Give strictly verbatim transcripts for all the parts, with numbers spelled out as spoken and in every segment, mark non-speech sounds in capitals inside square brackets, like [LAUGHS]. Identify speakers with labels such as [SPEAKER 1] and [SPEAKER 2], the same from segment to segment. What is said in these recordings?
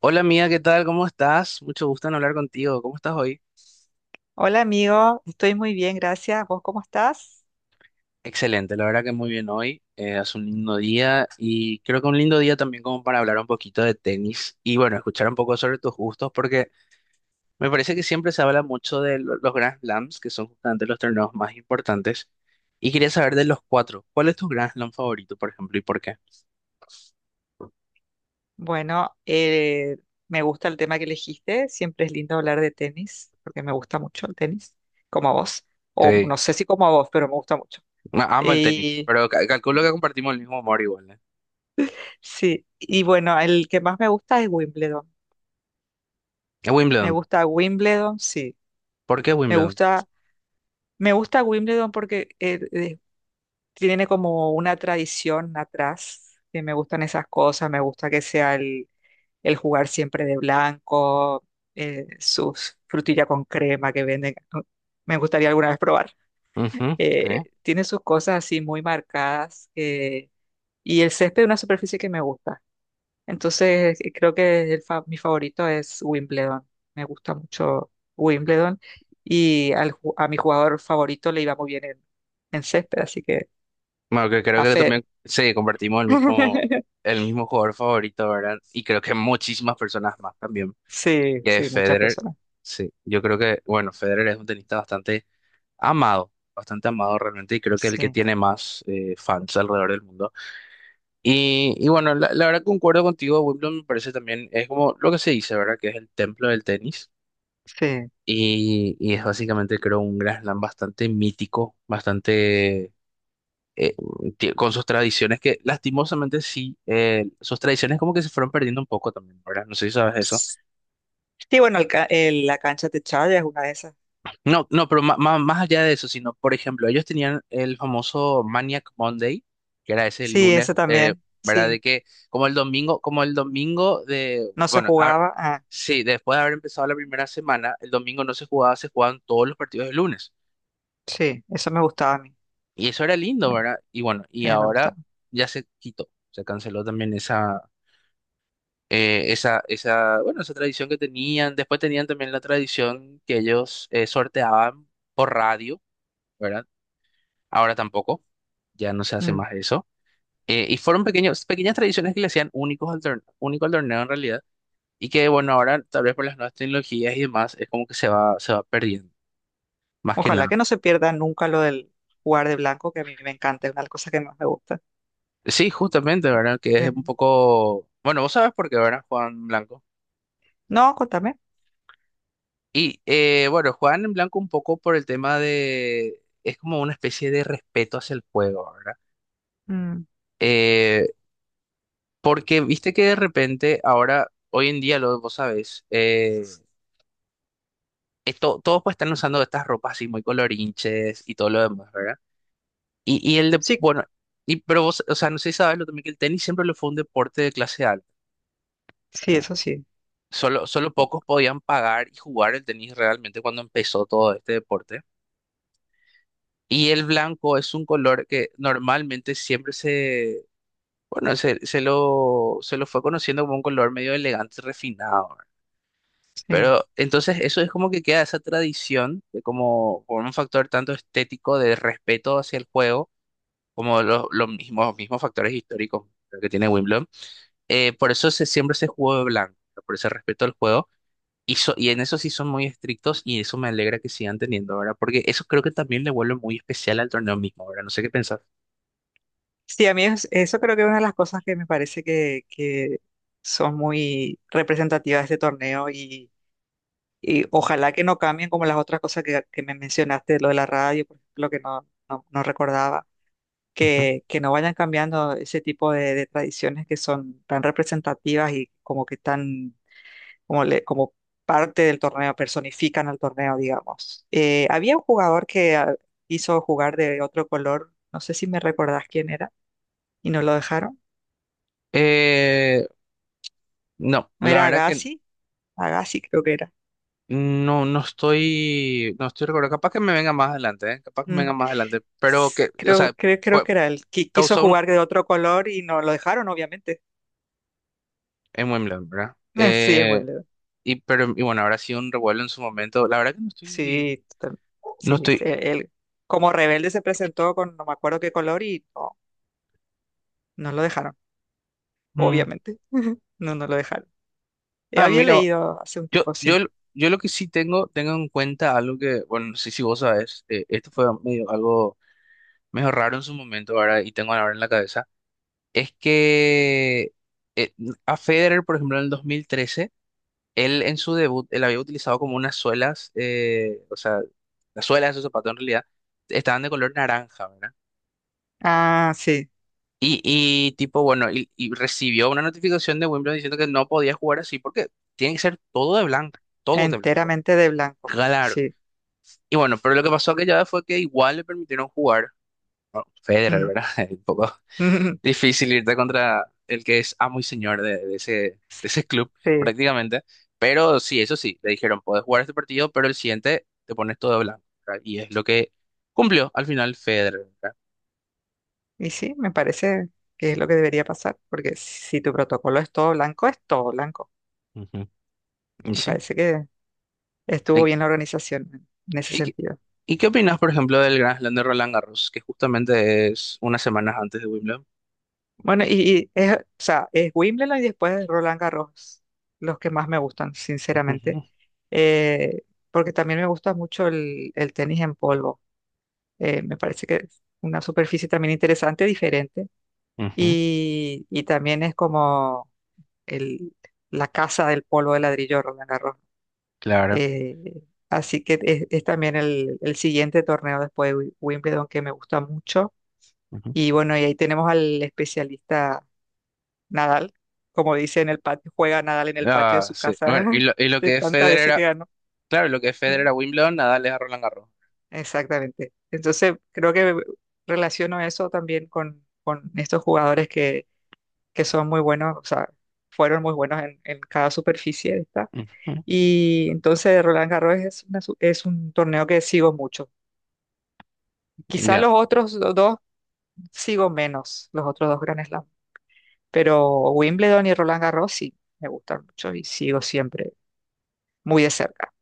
[SPEAKER 1] Hola amiga, ¿qué tal? ¿Cómo estás? Mucho gusto en hablar contigo. ¿Cómo estás hoy?
[SPEAKER 2] Hola amigo, estoy muy bien, gracias. ¿Vos cómo estás?
[SPEAKER 1] Excelente, la verdad que muy bien hoy. Eh, hace un lindo día y creo que un lindo día también como para hablar un poquito de tenis y bueno, escuchar un poco sobre tus gustos porque me parece que siempre se habla mucho de lo- los Grand Slams, que son justamente los torneos más importantes. Y quería saber de los cuatro, ¿cuál es tu Grand Slam favorito, por ejemplo, y por qué?
[SPEAKER 2] Bueno, eh, Me gusta el tema que elegiste. Siempre es lindo hablar de tenis, porque me gusta mucho el tenis, como a vos. O
[SPEAKER 1] Sí,
[SPEAKER 2] no sé si como a vos, pero me gusta mucho.
[SPEAKER 1] ma- amo el tenis,
[SPEAKER 2] Y
[SPEAKER 1] pero ca- calculo que compartimos el mismo amor igual, ¿eh?
[SPEAKER 2] sí, y bueno, el que más me gusta es Wimbledon.
[SPEAKER 1] Es
[SPEAKER 2] Me
[SPEAKER 1] Wimbledon.
[SPEAKER 2] gusta Wimbledon, sí.
[SPEAKER 1] ¿Por qué
[SPEAKER 2] Me
[SPEAKER 1] Wimbledon?
[SPEAKER 2] gusta, Me gusta Wimbledon porque eh, eh, tiene como una tradición atrás, que me gustan esas cosas. Me gusta que sea el jugar siempre de blanco, eh, sus frutillas con crema que venden, ¿no? Me gustaría alguna vez probar.
[SPEAKER 1] Ujú, sí.
[SPEAKER 2] Eh, tiene sus cosas así muy marcadas, eh, y el césped es una superficie que me gusta. Entonces, eh, creo que el fa- mi favorito es Wimbledon. Me gusta mucho Wimbledon, y al ju- a mi jugador favorito le iba muy bien en, en césped, así que
[SPEAKER 1] Bueno, que creo
[SPEAKER 2] a
[SPEAKER 1] que
[SPEAKER 2] Federer.
[SPEAKER 1] también sí, compartimos el mismo,
[SPEAKER 2] [LAUGHS]
[SPEAKER 1] el mismo jugador favorito, ¿verdad? Y creo que muchísimas personas más también,
[SPEAKER 2] Sí,
[SPEAKER 1] que es
[SPEAKER 2] sí, muchas
[SPEAKER 1] Federer.
[SPEAKER 2] personas.
[SPEAKER 1] Sí, yo creo que, bueno, Federer es un tenista bastante amado, bastante amado realmente, y creo que es el que
[SPEAKER 2] Sí,
[SPEAKER 1] tiene más eh, fans alrededor del mundo. Y, y bueno, la, la verdad concuerdo contigo, Wimbledon me parece también, es como lo que se dice, ¿verdad? Que es el templo del tenis.
[SPEAKER 2] sí.
[SPEAKER 1] Y, y es básicamente, creo, un gran Slam bastante mítico, bastante eh, ti- con sus tradiciones que lastimosamente sí, eh, sus tradiciones como que se fueron perdiendo un poco también, ¿verdad? No sé si sabes eso.
[SPEAKER 2] Sí, bueno, el ca- el- la cancha techada es una de esas.
[SPEAKER 1] No, no, pero ma- ma- más allá de eso, sino, por ejemplo, ellos tenían el famoso Maniac Monday, que era ese
[SPEAKER 2] Sí,
[SPEAKER 1] lunes,
[SPEAKER 2] esa
[SPEAKER 1] eh,
[SPEAKER 2] también.
[SPEAKER 1] ¿verdad?
[SPEAKER 2] Sí,
[SPEAKER 1] De que como el domingo, como el domingo de,
[SPEAKER 2] no se
[SPEAKER 1] bueno, a-
[SPEAKER 2] jugaba. Ah,
[SPEAKER 1] sí, después de haber empezado la primera semana, el domingo no se jugaba, se jugaban todos los partidos del lunes.
[SPEAKER 2] sí, eso me gustaba a mí.
[SPEAKER 1] Y eso era lindo, ¿verdad? Y bueno, y
[SPEAKER 2] Eh, me
[SPEAKER 1] ahora
[SPEAKER 2] gustaba.
[SPEAKER 1] ya se quitó, se canceló también esa eh, esa, esa, bueno, esa tradición que tenían. Después tenían también la tradición que ellos eh, sorteaban por radio, ¿verdad? Ahora tampoco, ya no se hace
[SPEAKER 2] Mm.
[SPEAKER 1] más eso. Eh, y fueron pequeños, pequeñas tradiciones que le hacían únicos al torneo, único al torneo en realidad. Y que, bueno, ahora tal vez por las nuevas tecnologías y demás, es como que se va, se va perdiendo, más que
[SPEAKER 2] Ojalá
[SPEAKER 1] nada.
[SPEAKER 2] que no se pierda nunca lo del jugar de blanco, que a mí me encanta, es una de las cosas que más me gusta.
[SPEAKER 1] Sí, justamente, ¿verdad? Que es
[SPEAKER 2] Eh,
[SPEAKER 1] un poco... Bueno, vos sabes por qué, ¿verdad, Juan Blanco?
[SPEAKER 2] No, contame.
[SPEAKER 1] Y eh, bueno, juegan en blanco un poco por el tema de... Es como una especie de respeto hacia el juego, ¿verdad?
[SPEAKER 2] Mm.
[SPEAKER 1] Eh, porque viste que de repente, ahora, hoy en día, lo, vos sabés, eh, esto- todos pues están usando estas ropas así muy colorinches y todo lo demás, ¿verdad? Y, y el de...
[SPEAKER 2] Sí,
[SPEAKER 1] Bueno, y, pero vos, o sea, no sé si sabes lo también que el tenis siempre lo fue un deporte de clase alta,
[SPEAKER 2] sí,
[SPEAKER 1] ¿verdad?
[SPEAKER 2] eso sí.
[SPEAKER 1] Solo, solo
[SPEAKER 2] O-
[SPEAKER 1] pocos podían pagar y jugar el tenis realmente cuando empezó todo este deporte. Y el blanco es un color que normalmente siempre se, bueno, se, se lo, se lo fue conociendo como un color medio elegante, refinado, ¿verdad?
[SPEAKER 2] Sí,
[SPEAKER 1] Pero entonces eso es como que queda esa tradición de como por un factor tanto estético de respeto hacia el juego, como los, los mismos, mismos factores históricos que tiene Wimbledon. Eh, por eso se, siempre se jugó de blanco, ¿no? Por ese respeto al juego. Y, so- y en eso sí son muy estrictos y eso me alegra que sigan teniendo, ¿verdad? Porque eso creo que también le vuelve muy especial al torneo mismo, ¿verdad? No sé qué pensás.
[SPEAKER 2] sí, a mí es- eso creo que es una de las cosas que me parece que, que son muy representativas de este torneo. Y ojalá que no cambien como las otras cosas que, que me mencionaste, lo de la radio, por ejemplo, que no, no, no recordaba,
[SPEAKER 1] Ujú.
[SPEAKER 2] que, que no vayan cambiando ese tipo de, de tradiciones que son tan representativas y como que tan, como, le- como parte del torneo, personifican al torneo, digamos. Eh, había un jugador que ah, quiso jugar de otro color, no sé si me recordás quién era, y no lo dejaron.
[SPEAKER 1] Eh, no,
[SPEAKER 2] ¿No
[SPEAKER 1] la
[SPEAKER 2] era
[SPEAKER 1] verdad que
[SPEAKER 2] Agassi? Agassi creo que era.
[SPEAKER 1] no, no estoy, no estoy recordando. Capaz que me venga más adelante, ¿eh? Capaz que me venga
[SPEAKER 2] Mm.
[SPEAKER 1] más adelante. Pero
[SPEAKER 2] S-
[SPEAKER 1] que, o
[SPEAKER 2] Creo,
[SPEAKER 1] sea,
[SPEAKER 2] creo, creo
[SPEAKER 1] fue,
[SPEAKER 2] que era él. Qui- Quiso
[SPEAKER 1] causó un,
[SPEAKER 2] jugar de otro color y no lo dejaron, obviamente.
[SPEAKER 1] en Wimbledon, ¿verdad?
[SPEAKER 2] [LAUGHS] Eh, Sí, en
[SPEAKER 1] Eh,
[SPEAKER 2] Wimbledon.
[SPEAKER 1] y, pero, y bueno, habrá sido un revuelo en su momento. La verdad que no estoy,
[SPEAKER 2] Sí, total-
[SPEAKER 1] no
[SPEAKER 2] sí, sí, sí,
[SPEAKER 1] estoy.
[SPEAKER 2] él como rebelde se presentó con no me acuerdo qué color y no, no lo dejaron,
[SPEAKER 1] Mm.
[SPEAKER 2] obviamente. [LAUGHS] No, no lo dejaron. Eh,
[SPEAKER 1] Ah,
[SPEAKER 2] había
[SPEAKER 1] mira,
[SPEAKER 2] leído hace un
[SPEAKER 1] yo,
[SPEAKER 2] tiempo, sí.
[SPEAKER 1] yo, yo lo que sí tengo, tengo en cuenta algo que, bueno, no sé si vos sabes, eh, esto fue medio, algo medio raro en su momento, ¿verdad? Y tengo ahora en la cabeza. Es que eh, a Federer, por ejemplo, en el dos mil trece él en su debut, él había utilizado como unas suelas, eh, o sea, las suelas de su zapato en realidad estaban de color naranja, ¿verdad?
[SPEAKER 2] Ah, sí,
[SPEAKER 1] Y, y tipo, bueno, y, y recibió una notificación de Wimbledon diciendo que no podía jugar así porque tiene que ser todo de blanco, todo de blanco.
[SPEAKER 2] enteramente de blanco.
[SPEAKER 1] Claro.
[SPEAKER 2] Sí.
[SPEAKER 1] Y bueno, pero lo que pasó aquella vez fue que igual le permitieron jugar Federer,
[SPEAKER 2] Mm.
[SPEAKER 1] ¿verdad? [LAUGHS] Un poco
[SPEAKER 2] [LAUGHS]
[SPEAKER 1] difícil irte contra el que es amo y señor de, de ese, de ese club,
[SPEAKER 2] Sí,
[SPEAKER 1] prácticamente. Pero sí, eso sí, le dijeron, podés jugar este partido, pero el siguiente te pones todo blanco, ¿verdad? Y es lo que cumplió al final Federer, ¿verdad?
[SPEAKER 2] y sí, me parece que es lo que debería pasar, porque si si tu protocolo es todo blanco, es todo blanco.
[SPEAKER 1] Ujú. Y
[SPEAKER 2] Me
[SPEAKER 1] sí.
[SPEAKER 2] parece que estuvo
[SPEAKER 1] ¿Y,
[SPEAKER 2] bien la organización en en ese
[SPEAKER 1] y qué,
[SPEAKER 2] sentido.
[SPEAKER 1] y qué opinas, por ejemplo, del Grand Slam de Roland Garros, que justamente es unas semanas antes de Wimbledon?
[SPEAKER 2] Bueno, y, y es, o sea, es Wimbledon y después Roland Garros, los que más me gustan, sinceramente.
[SPEAKER 1] Ujú,
[SPEAKER 2] Eh, Porque también me gusta mucho el, el tenis en polvo. Eh, me parece que es una superficie también interesante, diferente.
[SPEAKER 1] ujú,
[SPEAKER 2] Y, y también es como el, la casa del polvo de ladrillo Roland Garros.
[SPEAKER 1] claro.
[SPEAKER 2] Eh, Así que es, es también el, el siguiente torneo después de Wi- Wimbledon que me gusta mucho.
[SPEAKER 1] Ujú.
[SPEAKER 2] Y bueno, y ahí tenemos al especialista Nadal. Como dice en el patio, juega Nadal en el patio de
[SPEAKER 1] Ah,
[SPEAKER 2] su
[SPEAKER 1] sí. Bueno,
[SPEAKER 2] casa
[SPEAKER 1] y
[SPEAKER 2] [LAUGHS]
[SPEAKER 1] lo, y lo
[SPEAKER 2] de
[SPEAKER 1] que es
[SPEAKER 2] tantas
[SPEAKER 1] Federer,
[SPEAKER 2] veces que
[SPEAKER 1] a-
[SPEAKER 2] ganó.
[SPEAKER 1] claro, lo que es
[SPEAKER 2] Mm,
[SPEAKER 1] Federer a Wimbledon, Nadal es a Roland Garros.
[SPEAKER 2] Exactamente. Entonces, creo que relaciono eso también con, con estos jugadores que, que son muy buenos, o sea, fueron muy buenos en, en cada superficie esta.
[SPEAKER 1] Ujú.
[SPEAKER 2] Y entonces Roland Garros es, una su- es un torneo que sigo mucho. Quizá
[SPEAKER 1] Ya.
[SPEAKER 2] los otros do- dos sigo menos, los otros dos Grand Slam. Pero Wimbledon y Roland Garros sí, me gustan mucho y sigo siempre muy de cerca.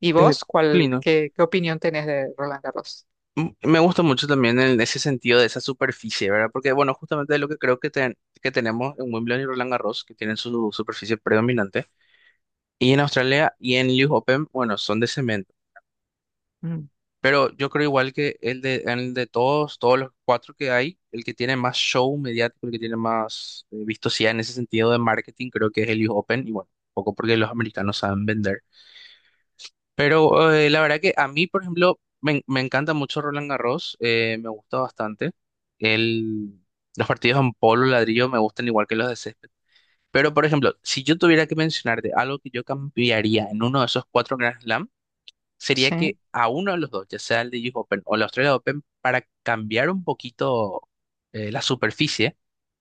[SPEAKER 2] ¿Y vos,
[SPEAKER 1] Qué
[SPEAKER 2] cuál,
[SPEAKER 1] lindo.
[SPEAKER 2] qué, qué opinión tenés de Roland Garros?
[SPEAKER 1] Mm, me gusta mucho también en ese sentido de esa superficie, ¿verdad? Porque, bueno, justamente lo que creo que, ten- que tenemos en Wimbledon y Roland Garros, que tienen su superficie predominante, y en Australia y en U S Open, bueno, son de cemento.
[SPEAKER 2] Mm,
[SPEAKER 1] Pero yo creo igual que el de, el de todos, todos los cuatro que hay, el que tiene más show mediático, el que tiene más eh, vistosidad en ese sentido de marketing, creo que es el U S Open, y bueno, poco porque los americanos saben vender. Pero eh, la verdad que a mí, por ejemplo, me, en- me encanta mucho Roland Garros, eh, me gusta bastante. El, los partidos en polo ladrillo me gustan igual que los de césped. Pero, por ejemplo, si yo tuviera que mencionarte algo que yo cambiaría en uno de esos cuatro Grand Slam, sería
[SPEAKER 2] sí.
[SPEAKER 1] que a uno de los dos, ya sea el de U S Open o el Australia Open, para cambiar un poquito eh, la superficie,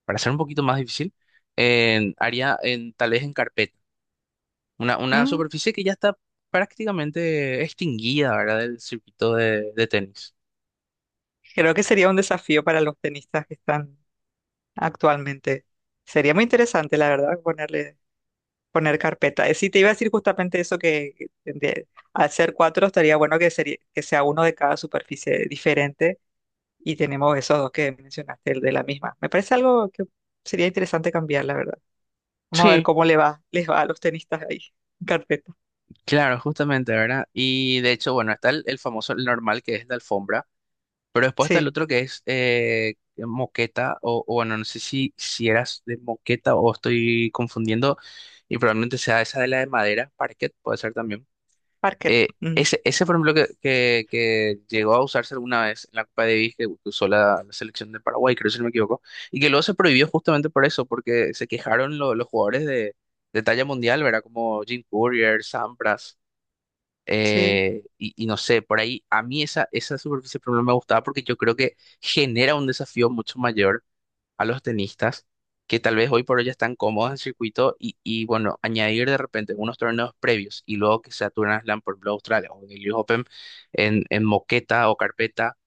[SPEAKER 1] para hacer un poquito más difícil, en- haría en, tal vez en carpeta. Una, una
[SPEAKER 2] Mm,
[SPEAKER 1] superficie que ya está prácticamente extinguida, ¿verdad? Del circuito de, de tenis.
[SPEAKER 2] creo que sería un desafío para los tenistas que están actualmente. Sería muy interesante, la verdad, ponerle, poner carpeta. Eh, Sí, te iba a decir justamente eso que que de- al ser cuatro estaría bueno que, sería, que sea uno de cada superficie diferente y tenemos esos dos que mencionaste, el de la misma. Me parece algo que sería interesante cambiar, la verdad. Vamos a ver
[SPEAKER 1] Sí,
[SPEAKER 2] cómo le va, les va a los tenistas ahí. En carpeta.
[SPEAKER 1] claro, justamente, ¿verdad? Y de hecho, bueno, está el, el famoso, el normal, que es de alfombra, pero después está el
[SPEAKER 2] Sí,
[SPEAKER 1] otro que es eh, moqueta, o, o bueno, no sé si, si eras de moqueta o estoy confundiendo, y probablemente sea esa de la de madera, parquet, puede ser también.
[SPEAKER 2] parquet.
[SPEAKER 1] Eh,
[SPEAKER 2] Mm,
[SPEAKER 1] ese, ese, por ejemplo, que, que, que llegó a usarse alguna vez en la Copa Davis, que usó la, la selección de Paraguay, creo si no me equivoco, y que luego se prohibió justamente por eso, porque se quejaron lo- los jugadores de, de talla mundial, ¿verdad? Como Jim Courier, Sampras,
[SPEAKER 2] sí,
[SPEAKER 1] eh, y, y no sé, por ahí a mí esa, esa superficie por ejemplo, me gustaba porque yo creo que genera un desafío mucho mayor a los tenistas que tal vez hoy por hoy ya están cómodos en el circuito y, y, bueno, añadir de repente unos torneos previos y luego que sea Turner Slam por Blue Australia o en el U S Open en, en moqueta o carpeta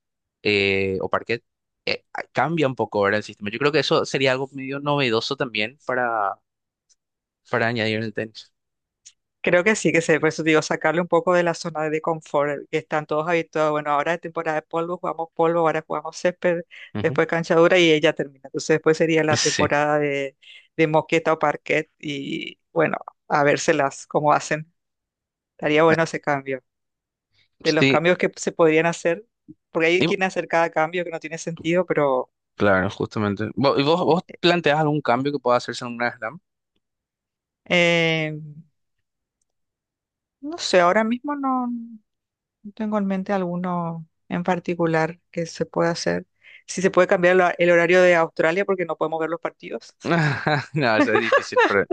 [SPEAKER 1] eh, o parquet, eh, a- cambia un poco ahora el sistema. Yo creo que eso sería algo medio novedoso también para, para añadir en el tenis.
[SPEAKER 2] creo que sí, que se, por eso digo, sacarle un poco de la zona de confort, eh, que están todos habituados. Bueno, ahora es temporada de polvo, jugamos polvo, ahora jugamos césped,
[SPEAKER 1] Ujú.
[SPEAKER 2] después cancha dura y ella termina. Entonces después sería la
[SPEAKER 1] Sí,
[SPEAKER 2] temporada de, de moqueta o parquet y bueno, a vérselas cómo hacen. Estaría
[SPEAKER 1] Na-
[SPEAKER 2] bueno ese cambio. De los
[SPEAKER 1] sí,
[SPEAKER 2] cambios que se podrían hacer, porque hay
[SPEAKER 1] y vo-
[SPEAKER 2] quien hacer cada cambio que no tiene sentido, pero...
[SPEAKER 1] claro, justamente. ¿Vo- y ¿Vos, vos, planteás algún cambio que pueda hacerse en un Grand Slam?
[SPEAKER 2] em, No sé, ahora mismo no, no tengo en mente alguno en particular que se pueda hacer. Si se puede cambiar el, hor- el horario de Australia porque no podemos ver los partidos.
[SPEAKER 1] [LAUGHS] No, eso es difícil para,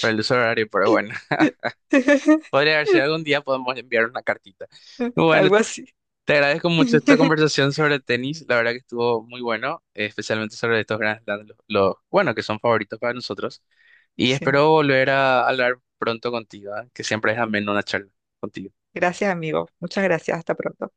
[SPEAKER 1] para el usuario, pero bueno. [LAUGHS]
[SPEAKER 2] [LAUGHS]
[SPEAKER 1] Podría ver si algún día podemos enviar una cartita. Bueno,
[SPEAKER 2] Algo así.
[SPEAKER 1] te agradezco mucho esta
[SPEAKER 2] [LAUGHS]
[SPEAKER 1] conversación sobre tenis. La verdad que estuvo muy bueno, eh, especialmente sobre estos grandes Slams, los, los- bueno, que son favoritos para nosotros. Y
[SPEAKER 2] Sí.
[SPEAKER 1] espero volver a hablar pronto contigo, ¿eh? Que siempre es ameno una charla contigo.
[SPEAKER 2] Gracias, amigo. Muchas gracias. Hasta pronto.